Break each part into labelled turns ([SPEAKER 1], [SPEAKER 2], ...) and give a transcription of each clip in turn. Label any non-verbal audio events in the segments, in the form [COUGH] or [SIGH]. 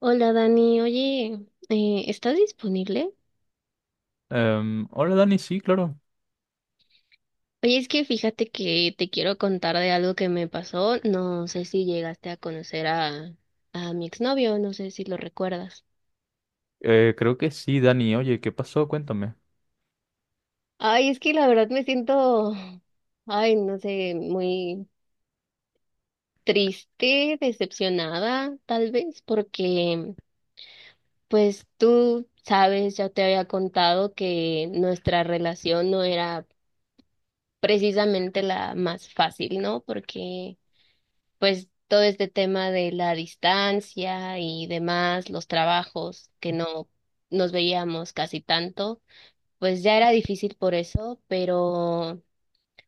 [SPEAKER 1] Hola Dani, oye, ¿estás disponible?
[SPEAKER 2] Hola Dani, sí, claro.
[SPEAKER 1] Oye, es que fíjate que te quiero contar de algo que me pasó. No sé si llegaste a conocer a mi exnovio, no sé si lo recuerdas.
[SPEAKER 2] Creo que sí, Dani. Oye, ¿qué pasó? Cuéntame.
[SPEAKER 1] Ay, es que la verdad me siento, [SIGHS] ay, no sé, muy triste, decepcionada, tal vez, porque pues tú sabes, ya te había contado que nuestra relación no era precisamente la más fácil, ¿no? Porque pues todo este tema de la distancia y demás, los trabajos que no nos veíamos casi tanto, pues ya era difícil por eso, pero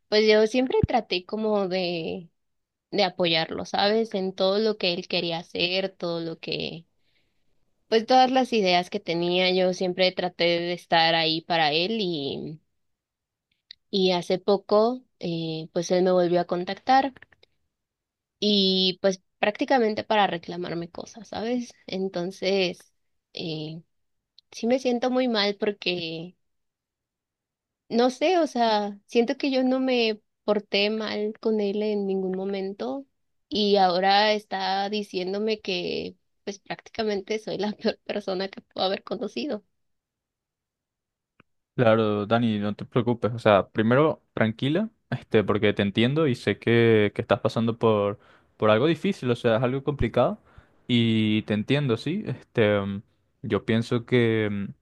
[SPEAKER 1] pues yo siempre traté como de apoyarlo, ¿sabes? En todo lo que él quería hacer, todo lo que pues todas las ideas que tenía, yo siempre traté de estar ahí para él y hace poco pues él me volvió a contactar y pues prácticamente para reclamarme cosas, ¿sabes? Entonces, eh, sí me siento muy mal porque, no sé, o sea, siento que yo no me porté mal con él en ningún momento y ahora está diciéndome que pues prácticamente soy la [LAUGHS] peor persona que puedo haber conocido.
[SPEAKER 2] Claro, Dani, no te preocupes. O sea, primero, tranquila, este, porque te entiendo y sé que estás pasando por algo difícil, o sea, es algo complicado. Y te entiendo, sí. Este, yo pienso que,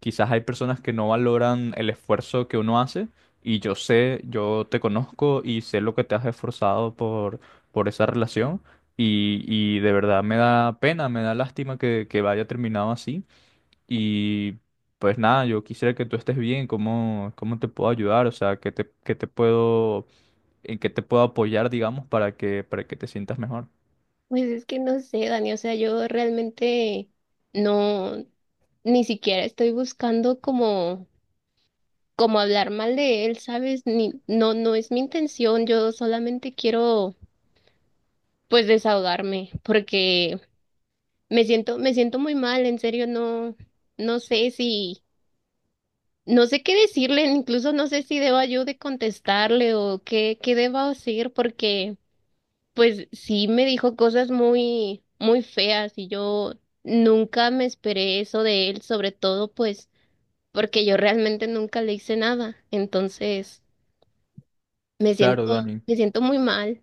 [SPEAKER 2] quizás hay personas que no valoran el esfuerzo que uno hace y yo sé, yo te conozco y sé lo que te has esforzado por esa relación y de verdad me da pena, me da lástima que haya terminado así y pues nada, yo quisiera que tú estés bien. Cómo te puedo ayudar? O sea, qué te puedo, en qué te puedo apoyar, digamos, para que te sientas mejor?
[SPEAKER 1] Pues es que no sé, Dani, o sea, yo realmente no, ni siquiera estoy buscando como como hablar mal de él, ¿sabes? Ni, no, no es mi intención, yo solamente quiero pues desahogarme porque me siento muy mal, en serio, no, no sé si, no sé qué decirle, incluso no sé si deba yo de contestarle o qué, qué deba hacer porque pues sí me dijo cosas muy, muy feas y yo nunca me esperé eso de él, sobre todo pues porque yo realmente nunca le hice nada, entonces... Me
[SPEAKER 2] Claro,
[SPEAKER 1] siento,
[SPEAKER 2] Dani.
[SPEAKER 1] me siento muy mal.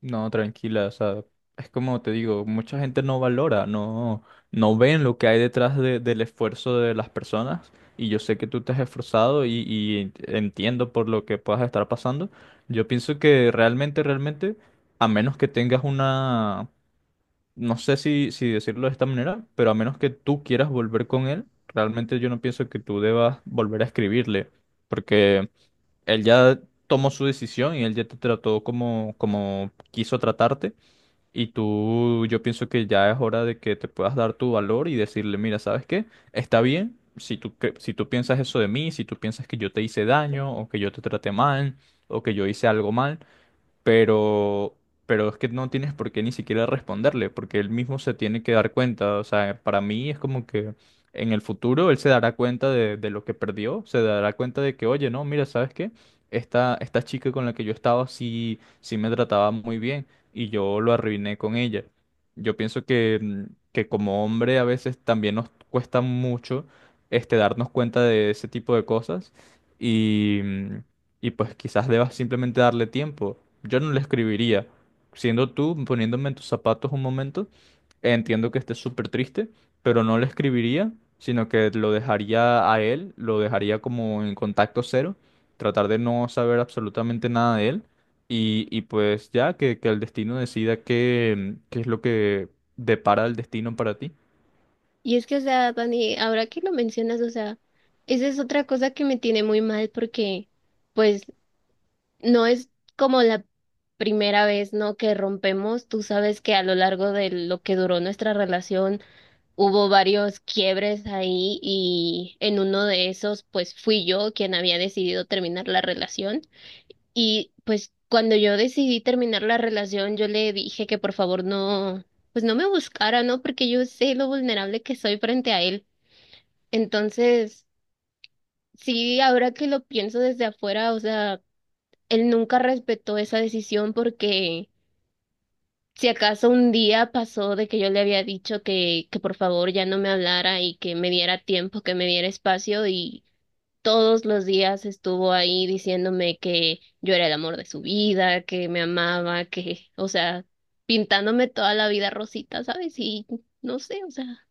[SPEAKER 2] No, tranquila, o sea, es como te digo, mucha gente no valora, no ven lo que hay detrás del esfuerzo de las personas. Y yo sé que tú te has esforzado y entiendo por lo que puedas estar pasando. Yo pienso que realmente, a menos que tengas una, no sé si decirlo de esta manera, pero a menos que tú quieras volver con él, realmente yo no pienso que tú debas volver a escribirle, porque él ya tomó su decisión y él ya te trató como quiso tratarte. Y tú, yo pienso que ya es hora de que te puedas dar tu valor y decirle, mira, ¿sabes qué? Está bien si si tú piensas eso de mí, si tú piensas que yo te hice daño o que yo te traté mal o que yo hice algo mal pero, pero es que no tienes por qué ni siquiera responderle, porque él mismo se tiene que dar cuenta. O sea, para mí es como que en el futuro él se dará cuenta de lo que perdió, se dará cuenta de que, oye, no, mira, ¿sabes qué? Esta chica con la que yo estaba sí me trataba muy bien y yo lo arruiné con ella. Yo pienso que que como hombre a veces también nos cuesta mucho este, darnos cuenta de ese tipo de cosas. Y y pues quizás debas simplemente darle tiempo. Yo no le escribiría. Siendo tú, poniéndome en tus zapatos un momento, entiendo que estés súper triste, pero no le escribiría, sino que lo dejaría a él, lo dejaría como en contacto cero, tratar de no saber absolutamente nada de él. Y pues ya que el destino decida qué, qué es lo que depara el destino para ti.
[SPEAKER 1] Y es que, o sea, Dani, ahora que lo mencionas, o sea, esa es otra cosa que me tiene muy mal porque, pues, no es como la primera vez, ¿no? Que rompemos. Tú sabes que a lo largo de lo que duró nuestra relación hubo varios quiebres ahí y en uno de esos, pues, fui yo quien había decidido terminar la relación. Y pues cuando yo decidí terminar la relación, yo le dije que por favor no, pues no me buscara, ¿no? Porque yo sé lo vulnerable que soy frente a él. Entonces, sí, ahora que lo pienso desde afuera, o sea, él nunca respetó esa decisión porque si acaso un día pasó de que yo le había dicho que por favor ya no me hablara y que me diera tiempo, que me diera espacio, todos los días estuvo ahí diciéndome que yo era el amor de su vida, que me amaba, que, o sea, pintándome toda la vida rosita, ¿sabes? Y no sé, o sea,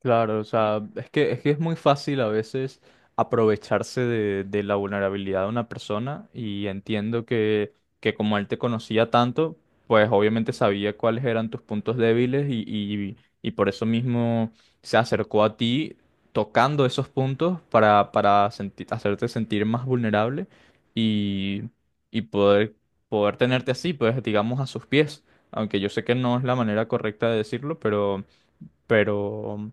[SPEAKER 2] Claro, o sea, es que es muy fácil a veces aprovecharse de la vulnerabilidad de una persona y entiendo que como él te conocía tanto, pues obviamente sabía cuáles eran tus puntos débiles y por eso mismo se acercó a ti tocando esos puntos para hacerte sentir más vulnerable y, y poder tenerte así, pues digamos a sus pies, aunque yo sé que no es la manera correcta de decirlo, pero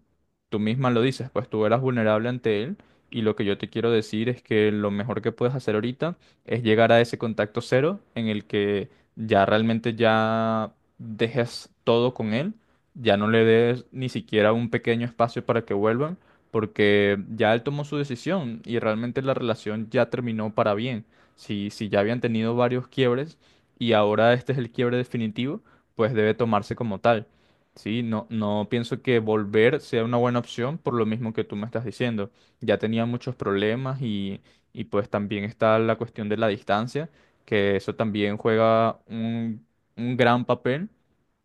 [SPEAKER 2] tú misma lo dices, pues tú eras vulnerable ante él y lo que yo te quiero decir es que lo mejor que puedes hacer ahorita es llegar a ese contacto cero en el que ya realmente dejes todo con él, ya no le des ni siquiera un pequeño espacio para que vuelvan, porque ya él tomó su decisión y realmente la relación ya terminó para bien. Si ya habían tenido varios quiebres y ahora este es el quiebre definitivo, pues debe tomarse como tal. Sí, no, no pienso que volver sea una buena opción por lo mismo que tú me estás diciendo. Ya tenía muchos problemas y pues también está la cuestión de la distancia, que eso también juega un gran papel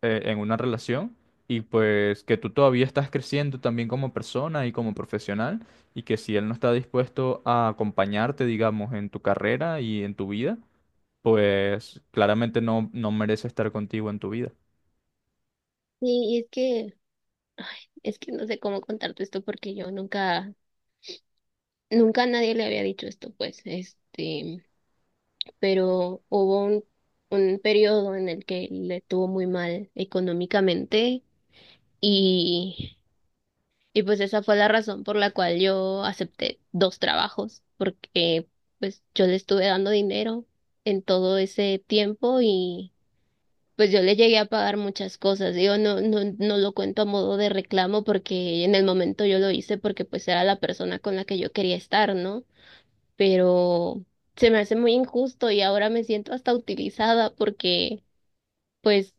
[SPEAKER 2] en una relación y pues que tú todavía estás creciendo también como persona y como profesional y que si él no está dispuesto a acompañarte, digamos, en tu carrera y en tu vida, pues claramente no, no merece estar contigo en tu vida.
[SPEAKER 1] sí es que, ay, es que no sé cómo contarte esto porque yo nunca, nunca a nadie le había dicho esto, pues, este, pero hubo un periodo en el que le tuvo muy mal económicamente. Y Y pues esa fue la razón por la cual yo acepté dos trabajos, porque pues yo le estuve dando dinero en todo ese tiempo y pues yo le llegué a pagar muchas cosas. Digo no, no, no lo cuento a modo de reclamo porque en el momento yo lo hice porque pues era la persona con la que yo quería estar, ¿no? Pero se me hace muy injusto y ahora me siento hasta utilizada porque pues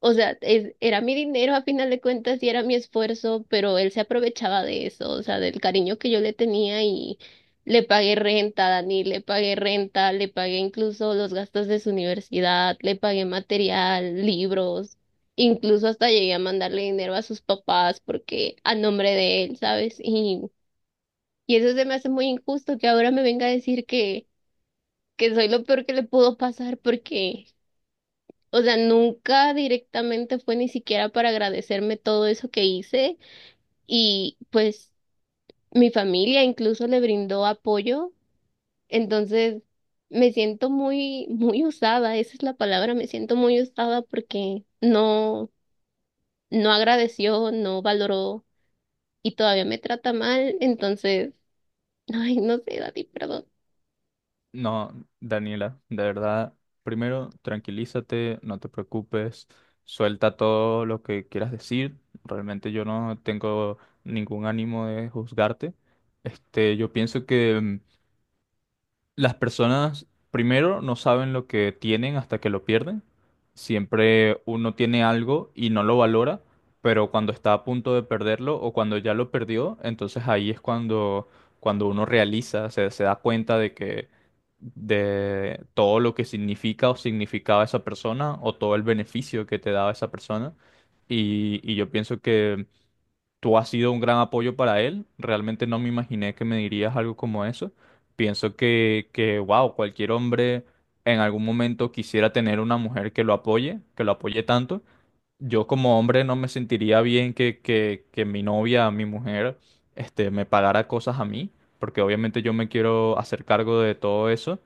[SPEAKER 1] o sea, es- era mi dinero a final de cuentas y era mi esfuerzo, pero él se aprovechaba de eso, o sea, del cariño que yo le tenía y le pagué renta a Dani, le pagué renta, le pagué incluso los gastos de su universidad, le pagué material, libros, incluso hasta llegué a mandarle dinero a sus papás porque a nombre de él, ¿sabes? Y eso se me hace muy injusto que ahora me venga a decir que soy lo peor que le pudo pasar porque... O sea, nunca directamente fue ni siquiera para agradecerme todo eso que hice y pues mi familia incluso le brindó apoyo. Entonces, me siento muy, muy usada, esa es la palabra, me siento muy usada porque no, no agradeció, no valoró y todavía me trata mal. Entonces, [LAUGHS] ay, no sé, Dani, perdón.
[SPEAKER 2] No, Daniela, de verdad, primero tranquilízate, no te preocupes, suelta todo lo que quieras decir. Realmente yo no tengo ningún ánimo de juzgarte. Este, yo pienso que las personas primero no saben lo que tienen hasta que lo pierden. Siempre uno tiene algo y no lo valora, pero cuando está a punto de perderlo o cuando ya lo perdió, entonces ahí es cuando uno realiza, se da cuenta de todo lo que significa o significaba esa persona o todo el beneficio que te daba esa persona. Y yo pienso que tú has sido un gran apoyo para él. Realmente no me imaginé que me dirías algo como eso. Pienso que, wow, cualquier hombre en algún momento quisiera tener una mujer que lo apoye tanto. Yo como hombre no me sentiría bien que mi novia, mi mujer, este, me pagara cosas a mí, porque obviamente yo me quiero hacer cargo de todo eso.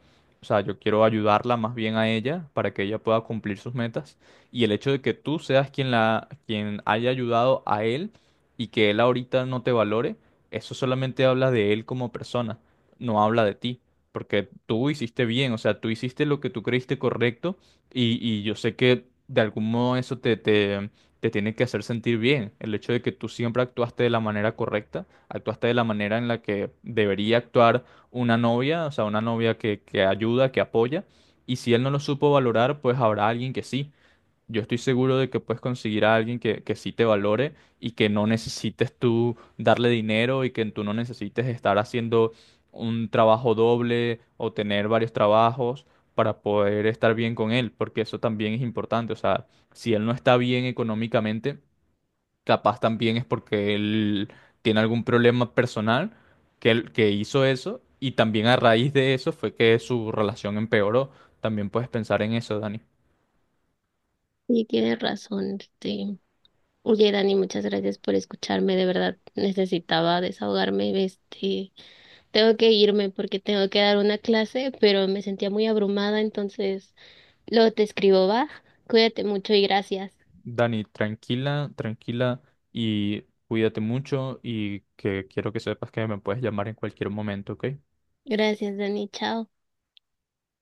[SPEAKER 2] O sea, yo quiero ayudarla más bien a ella para que ella pueda cumplir sus metas. Y el hecho de que tú seas quien haya ayudado a él y que él ahorita no te valore, eso solamente habla de él como persona, no habla de ti. Porque tú hiciste bien, o sea, tú hiciste lo que tú creíste correcto y yo sé que de algún modo eso te tiene que hacer sentir bien. El hecho de que tú siempre actuaste de la manera correcta, actuaste de la manera en la que debería actuar una novia, o sea, una novia que ayuda, que apoya. Y si él no lo supo valorar, pues habrá alguien que sí. Yo estoy seguro de que puedes conseguir a alguien que sí te valore y que no necesites tú darle dinero y que tú no necesites estar haciendo un trabajo doble o tener varios trabajos para poder estar bien con él, porque eso también es importante. O sea, si él no está bien económicamente, capaz también es porque él tiene algún problema personal que hizo eso y también a raíz de eso fue que su relación empeoró. También puedes pensar en eso, Dani.
[SPEAKER 1] Sí, tienes razón, este. Oye, Dani, muchas gracias por escucharme, de verdad necesitaba desahogarme, este. Tengo que irme porque tengo que dar una clase, pero me sentía muy abrumada, entonces luego te escribo, va. Cuídate mucho y gracias.
[SPEAKER 2] Dani, tranquila, tranquila y cuídate mucho y que quiero que sepas que me puedes llamar en cualquier momento, ¿ok?
[SPEAKER 1] Gracias, Dani. Chao.